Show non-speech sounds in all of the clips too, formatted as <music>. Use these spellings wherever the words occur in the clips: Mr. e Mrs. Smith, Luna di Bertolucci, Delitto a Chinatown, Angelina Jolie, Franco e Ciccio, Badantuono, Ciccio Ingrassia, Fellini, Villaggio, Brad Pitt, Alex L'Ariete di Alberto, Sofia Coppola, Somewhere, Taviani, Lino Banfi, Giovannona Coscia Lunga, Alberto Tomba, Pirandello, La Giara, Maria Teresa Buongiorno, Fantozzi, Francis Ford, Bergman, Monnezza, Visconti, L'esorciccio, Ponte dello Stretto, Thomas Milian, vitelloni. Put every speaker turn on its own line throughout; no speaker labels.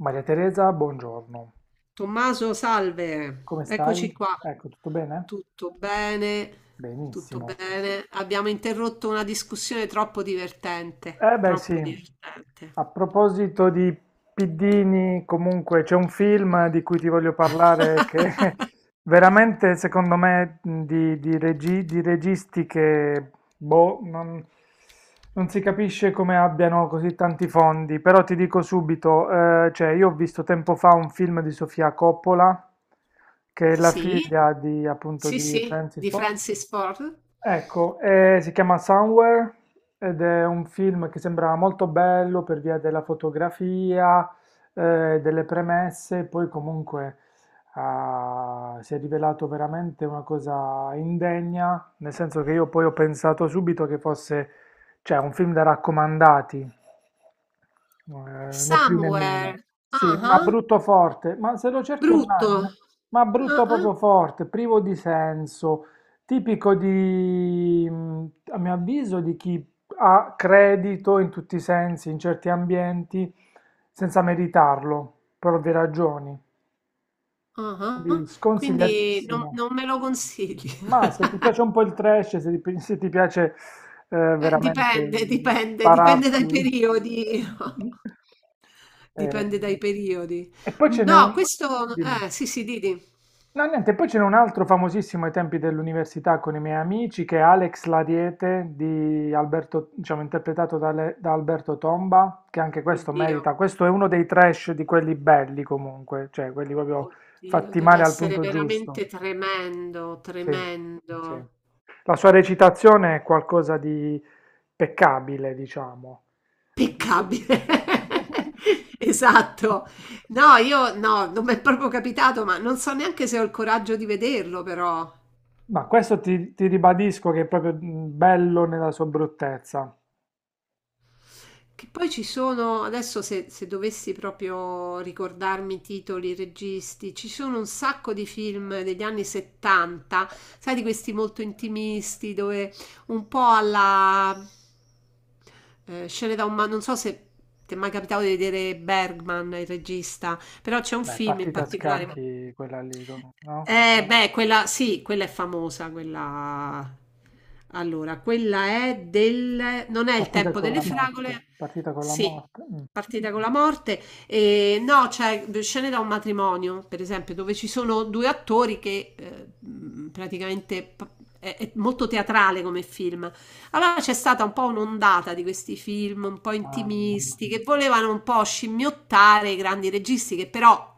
Maria Teresa buongiorno,
Tommaso, salve,
come stai?
eccoci qua.
Ecco, tutto bene?
Tutto bene? Tutto
Benissimo.
bene? Abbiamo interrotto una discussione troppo divertente,
Beh
troppo
sì,
divertente.
a proposito di piddini, comunque c'è un film di cui ti voglio parlare che
<laughs>
<laughs> veramente secondo me di registi che non si capisce come abbiano così tanti fondi, però ti dico subito, cioè io ho visto tempo fa un film di Sofia Coppola, che è la
Sì,
figlia di appunto
sì,
di
sì,
Francis
di
Ford.
Francis Ford.
Ecco, si chiama Somewhere ed è un film che sembrava molto bello per via della fotografia, delle premesse, poi comunque si è rivelato veramente una cosa indegna, nel senso che io poi ho pensato subito che fosse, cioè, un film da raccomandati, né più né meno.
Somewhere.
Sì,
Ah,
ma
ah.
brutto forte, ma se lo cerchi
Brutto.
online, ma
Ah,
brutto
ah,
proprio forte, privo di senso, tipico di, a mio avviso, di chi ha credito in tutti i sensi, in certi ambienti, senza meritarlo, per ovvie ragioni.
ah,
Quindi
ah. Quindi non,
sconsigliatissimo.
non me lo consigli.
Ma se ti piace
<laughs>
un po' il trash, se ti piace veramente
Dipende, dipende, dipende dai
spararti.
periodi.
<laughs>
<laughs>
Eh,
Dipende dai periodi.
e poi ce n'è
No,
un.
questo...
Dimmi.
Sì, sì, Didi.
No, niente, poi ce n'è un altro famosissimo ai tempi dell'università con i miei amici che è Alex L'Ariete di Alberto, diciamo, interpretato da, da Alberto Tomba, che anche questo
Oddio,
merita. Questo è uno dei trash di quelli belli comunque, cioè quelli proprio
oddio,
fatti
deve
male al
essere
punto giusto.
veramente tremendo,
Sì, sì.
tremendo.
La sua recitazione è qualcosa di peccabile, diciamo.
Peccabile. <laughs> Esatto. No, io no, non mi è proprio capitato, ma non so neanche se ho il coraggio di vederlo, però.
Ma questo ti ribadisco che è proprio bello nella sua bruttezza.
Che poi ci sono, adesso se dovessi proprio ricordarmi i titoli, i registi, ci sono un sacco di film degli anni 70, sai, di questi molto intimisti, dove un po' alla scene da un... non so se ti è mai capitato di vedere Bergman, il regista, però c'è un
Beh,
film in
partita a
particolare.
scacchi quella lì, no?
Beh, quella sì, quella è famosa, quella... Allora, quella è del... Non è il
Partita
tempo
con
delle
la morte.
fragole?
Partita con la
Sì,
morte. Mm.
partita con la morte. E, no, c'è scene da un matrimonio, per esempio, dove ci sono due attori che praticamente... È molto teatrale come film, allora c'è stata un po' un'ondata di questi film un po'
Ah,
intimisti che volevano un po' scimmiottare i grandi registi che però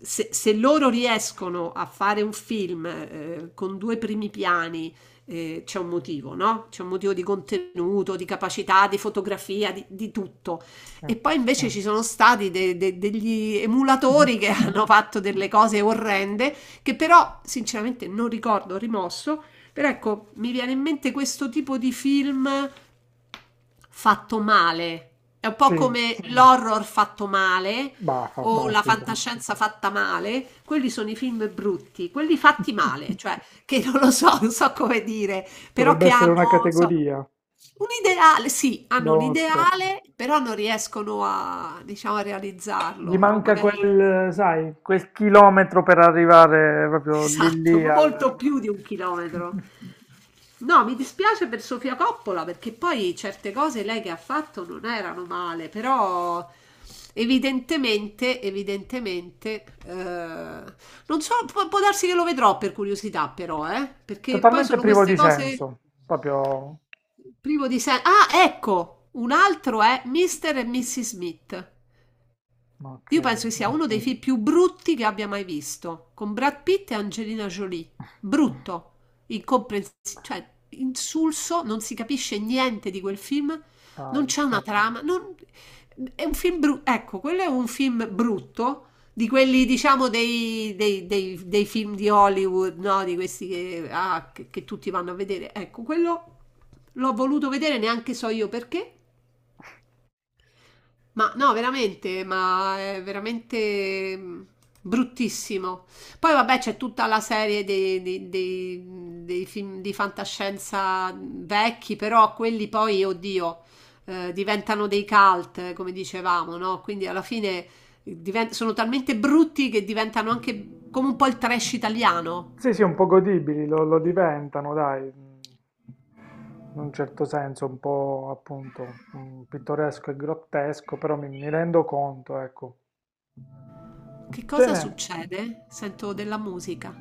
se loro riescono a fare un film con due primi piani c'è un motivo, no? C'è un motivo di contenuto, di capacità, di fotografia, di tutto.
sì.
E poi
<laughs>
invece ci sono stati degli
Mhm.
emulatori che <laughs> hanno fatto delle cose orrende che però sinceramente non ricordo rimosso però ecco, mi viene in mente questo tipo di film fatto male. È un po'
Sì,
come l'horror fatto male
bah,
o la
fantastico.
fantascienza fatta male. Quelli sono i film brutti, quelli fatti
<laughs>
male, cioè che non lo so, non so come dire, però
Dovrebbe
che
essere
hanno,
una
non so,
categoria
un ideale, sì,
da
hanno un
Oscar.
ideale, però non riescono a, diciamo, a
Gli
realizzarlo, no?
manca
Magari
quel, sai, quel chilometro per arrivare proprio lì
Esatto,
lì
molto
al...
più di un chilometro.
<laughs>
No, mi dispiace per Sofia Coppola perché poi certe cose lei che ha fatto non erano male, però evidentemente, evidentemente, non so, può darsi che lo vedrò per curiosità però, perché poi
Totalmente
sono
privo
queste
di
cose
senso, proprio...
privo di senso. Ah, ecco, un altro è Mr. e Mrs. Smith.
Ok,
Io penso che sia uno dei film più brutti che abbia mai visto, con Brad Pitt e Angelina Jolie. Brutto, incomprensibile, cioè insulso, non si capisce niente di quel film, non
dai.
c'è una trama, è un film brutto, ecco, quello è un film brutto, di quelli diciamo dei film di Hollywood, no? Di questi che tutti vanno a vedere. Ecco, quello l'ho voluto vedere, neanche so io perché, ma no, veramente, ma è veramente bruttissimo. Poi vabbè, c'è tutta la serie dei film di fantascienza vecchi, però quelli poi, oddio, diventano dei cult, come dicevamo, no? Quindi alla fine sono talmente brutti che diventano anche come un po' il trash italiano.
Sì, sì, un po' godibili, lo diventano, dai, in un certo senso, un po' appunto pittoresco e grottesco, però mi rendo conto, ecco.
Che
Ce
cosa
n'è,
succede? Sento della musica.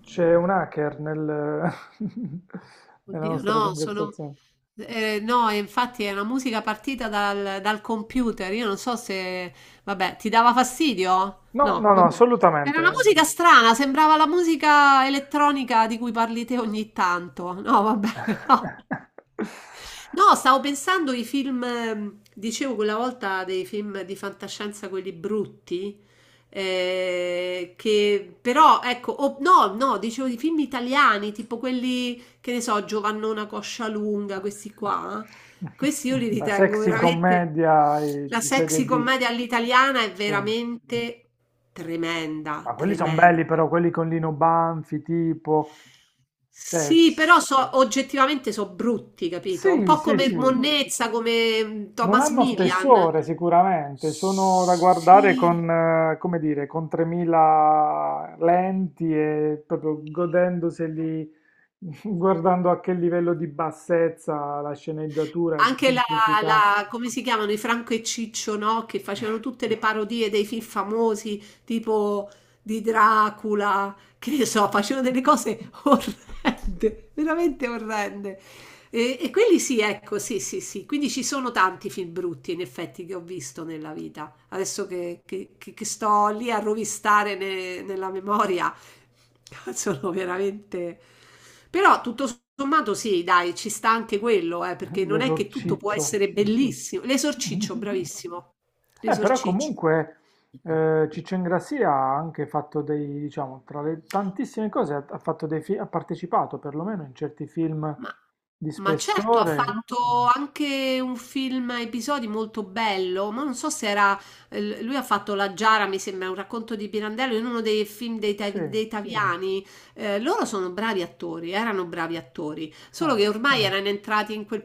c'è un hacker nel- <laughs> nella
Oddio,
nostra
no, sono...
conversazione.
no, e infatti è una musica partita dal computer. Io non so se... Vabbè, ti dava fastidio?
No,
No,
no, no,
vabbè. Era
assolutamente.
una musica strana, sembrava la musica elettronica di cui parli te ogni tanto. No, vabbè, <laughs> no.
<laughs>
No, stavo pensando ai film, dicevo quella volta dei film di fantascienza, quelli brutti, che però, ecco, no, no, dicevo di film italiani, tipo quelli, che ne so, Giovannona Coscia Lunga, questi qua, questi io li
La
ritengo
sexy
veramente,
commedia
la
di serie
sexy
D,
commedia all'italiana è
sì.
veramente tremenda,
Ma quelli sono
tremenda.
belli però, quelli con Lino Banfi, tipo... Cioè,
Sì, però so, oggettivamente sono brutti, capito? Un
sì,
po'
sì,
come
sì.
Monnezza, come
Non
Thomas
hanno
Milian.
spessore sicuramente, sono da guardare
Sì.
con, come dire, con 3000 lenti e proprio godendoseli, <laughs> guardando a che livello di bassezza la sceneggiatura e di
Anche
semplicità.
come si chiamano, i Franco e Ciccio, no? Che facevano tutte le parodie dei film famosi, tipo di Dracula, che ne so, facevano delle cose <laughs> orrende, veramente orrende. E quelli sì, ecco, sì, sì, sì. Quindi ci sono tanti film brutti, in effetti, che ho visto nella vita. Adesso che sto lì a rovistare nella memoria. <laughs> Sono veramente... Però tutto sommato sì, dai, ci sta anche quello, perché non è che tutto può
L'esorciccio.
essere bellissimo. L'esorciccio,
<laughs>
bravissimo.
Però
L'esorciccio.
comunque Ciccio Ingrassia ha anche fatto dei, diciamo, tra le tantissime cose, ha fatto dei ha partecipato perlomeno in certi film
Ma,
di
ma certo, ha
spessore.
fatto anche un film a episodi molto bello, ma non so se era... Lui ha fatto La Giara, mi sembra, un racconto di Pirandello in uno dei film dei, Ta-
Sì,
dei Sì. Taviani. Loro sono bravi attori, erano bravi attori, solo
ah,
che ormai erano entrati in quel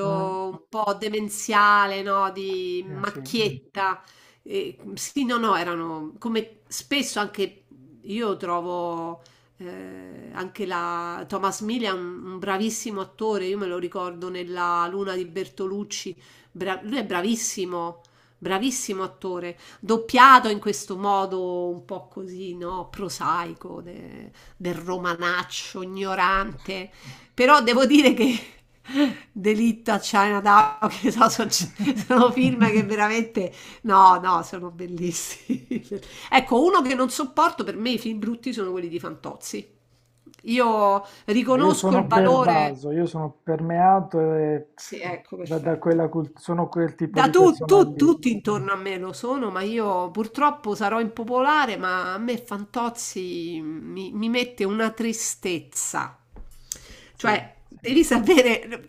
mm,
un po' demenziale, no? Di
sì.
macchietta. E, sì, no, no, erano come spesso anche io trovo... Anche la Thomas Milian, un bravissimo attore, io me lo ricordo nella Luna di Bertolucci, lui è bravissimo, bravissimo attore, doppiato in questo modo un po' così, no, prosaico, del romanaccio, ignorante, però devo dire che <laughs> Delitto a Chinatown, che so, sono film che veramente, no, no, sono bellissimi. <laughs> Ecco, uno che non sopporto per me i film brutti sono quelli di Fantozzi. Io
Io
riconosco il
sono
valore.
pervaso, io sono permeato e
Sì, ecco,
da
perfetto.
quella cult- sono quel tipo
Da
di persona lì.
tutti intorno a me lo sono, ma io purtroppo sarò impopolare, ma a me Fantozzi mi mette una tristezza.
Sì.
Cioè, devi sapere,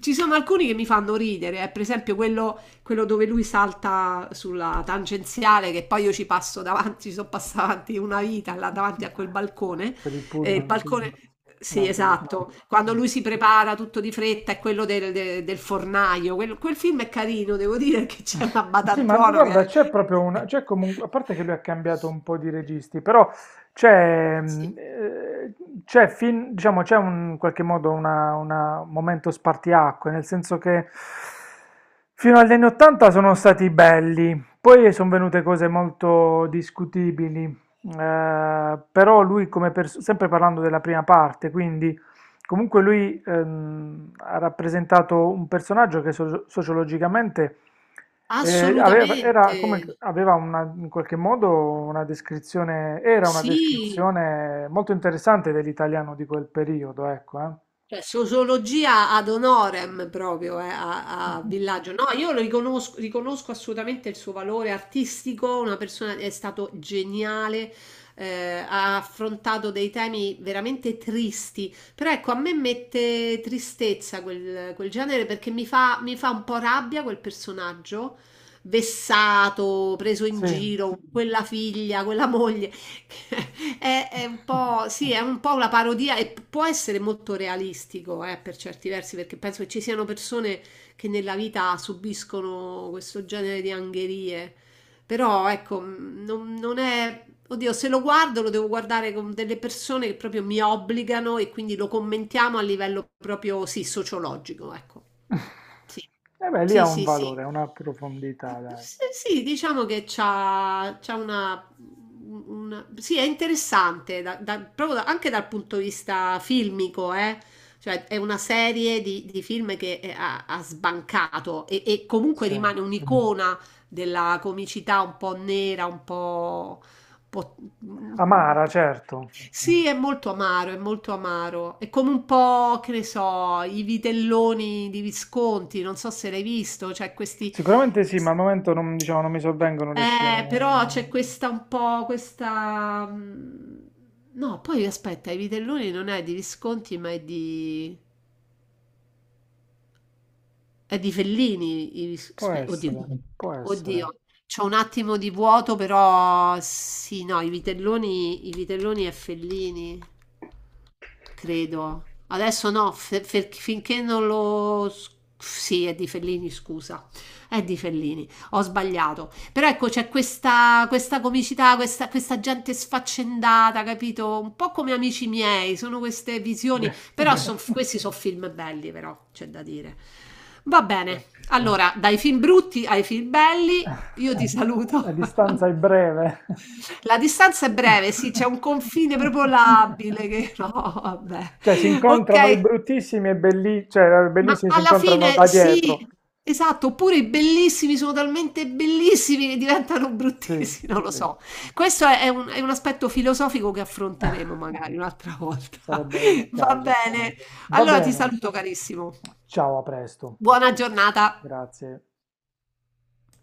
ci sono alcuni che mi fanno ridere, per esempio quello, quello dove lui salta sulla tangenziale, che poi io ci passo davanti, ci sono passata avanti una vita là davanti a quel balcone.
Per il
E il
pullman, sì.
balcone, sì,
L'autobus.
esatto, quando
Mm.
lui si prepara tutto di fretta è quello del fornaio. Quel film è carino, devo dire che c'è una
Sì, ma
Badantuono che...
guarda, c'è proprio una, c'è comunque, a parte che lui ha cambiato
<laughs>
un po' di registi, però c'è, mm, eh, c'è fin- diciamo, c'è un, in qualche modo un momento spartiacque, nel senso che fino agli anni 80 sono stati belli, poi sono venute cose molto discutibili, però lui come pers- sempre parlando della prima parte, quindi comunque lui ha rappresentato un personaggio che so- sociologicamente aveva,
Assolutamente,
era come, aveva una- in qualche modo una descrizione, era una
sì,
descrizione molto interessante dell'italiano di quel periodo, ecco, eh.
cioè, sociologia ad honorem proprio a
Mhm.
Villaggio. No, io lo riconosco, riconosco assolutamente il suo valore artistico, una persona è stato geniale, ha affrontato dei temi veramente tristi, però ecco, a me mette tristezza quel genere perché mi fa un po' rabbia quel personaggio, vessato, preso in
Sì.
giro, quella figlia, quella moglie. <laughs> È un po', sì, è un po' una parodia e può essere molto realistico, per certi versi, perché penso che ci siano persone che nella vita subiscono questo genere di angherie. Però, ecco, non è... Oddio, se lo guardo lo devo guardare con delle persone che proprio mi obbligano e quindi lo commentiamo a livello proprio, sì, sociologico, ecco.
<laughs>
Sì.
E beh, lì ha
Sì,
un
sì, sì.
valore, una profondità, dai.
Sì, sì, diciamo che c'ha Sì, è interessante, proprio anche dal punto di vista filmico, eh. Cioè, è una serie di film che ha sbancato e comunque
Sì.
rimane un'icona della comicità un po' nera, un po',
Amara, certo.
sì, è molto amaro, è molto amaro. È come un po', che ne so, i vitelloni di Visconti, non so se l'hai visto, c'è questi...
Sicuramente sì, ma al momento non, diciamo, non mi sovvengono le
Eh,
scene.
però c'è questa un po', questa... No, poi aspetta, i vitelloni non è di Visconti, ma è di Fellini.
Può
Oddio,
essere, può essere.
oddio, c'ho un attimo di vuoto, però sì, no, i vitelloni è Fellini, credo. Adesso no, finché non lo... Sì, è di Fellini, scusa. È di Fellini, ho sbagliato. Però ecco, c'è questa comicità, questa gente sfaccendata, capito? Un po' come amici miei, sono queste visioni.
Beh.
Però
<laughs>
questi sono film belli, però, c'è da dire. Va
Sì.
bene, allora, dai film brutti ai film belli, io ti
La
saluto.
distanza è
<laughs>
breve.
La distanza è breve, sì, c'è un confine proprio labile che <laughs> no, vabbè.
Cioè si incontrano i
Ok,
bruttissimi e belli, cioè i
ma
bellissimi si
alla
incontrano
fine
da dietro.
sì, esatto, oppure i bellissimi sono talmente bellissimi che diventano
Sì,
bruttissimi, non lo
sì.
so. Questo è un aspetto filosofico che affronteremo magari un'altra volta.
Sarebbe il
<laughs> Va
caso.
bene.
Va
Allora ti
bene.
saluto carissimo.
Ciao, a presto.
Buona giornata.
Grazie.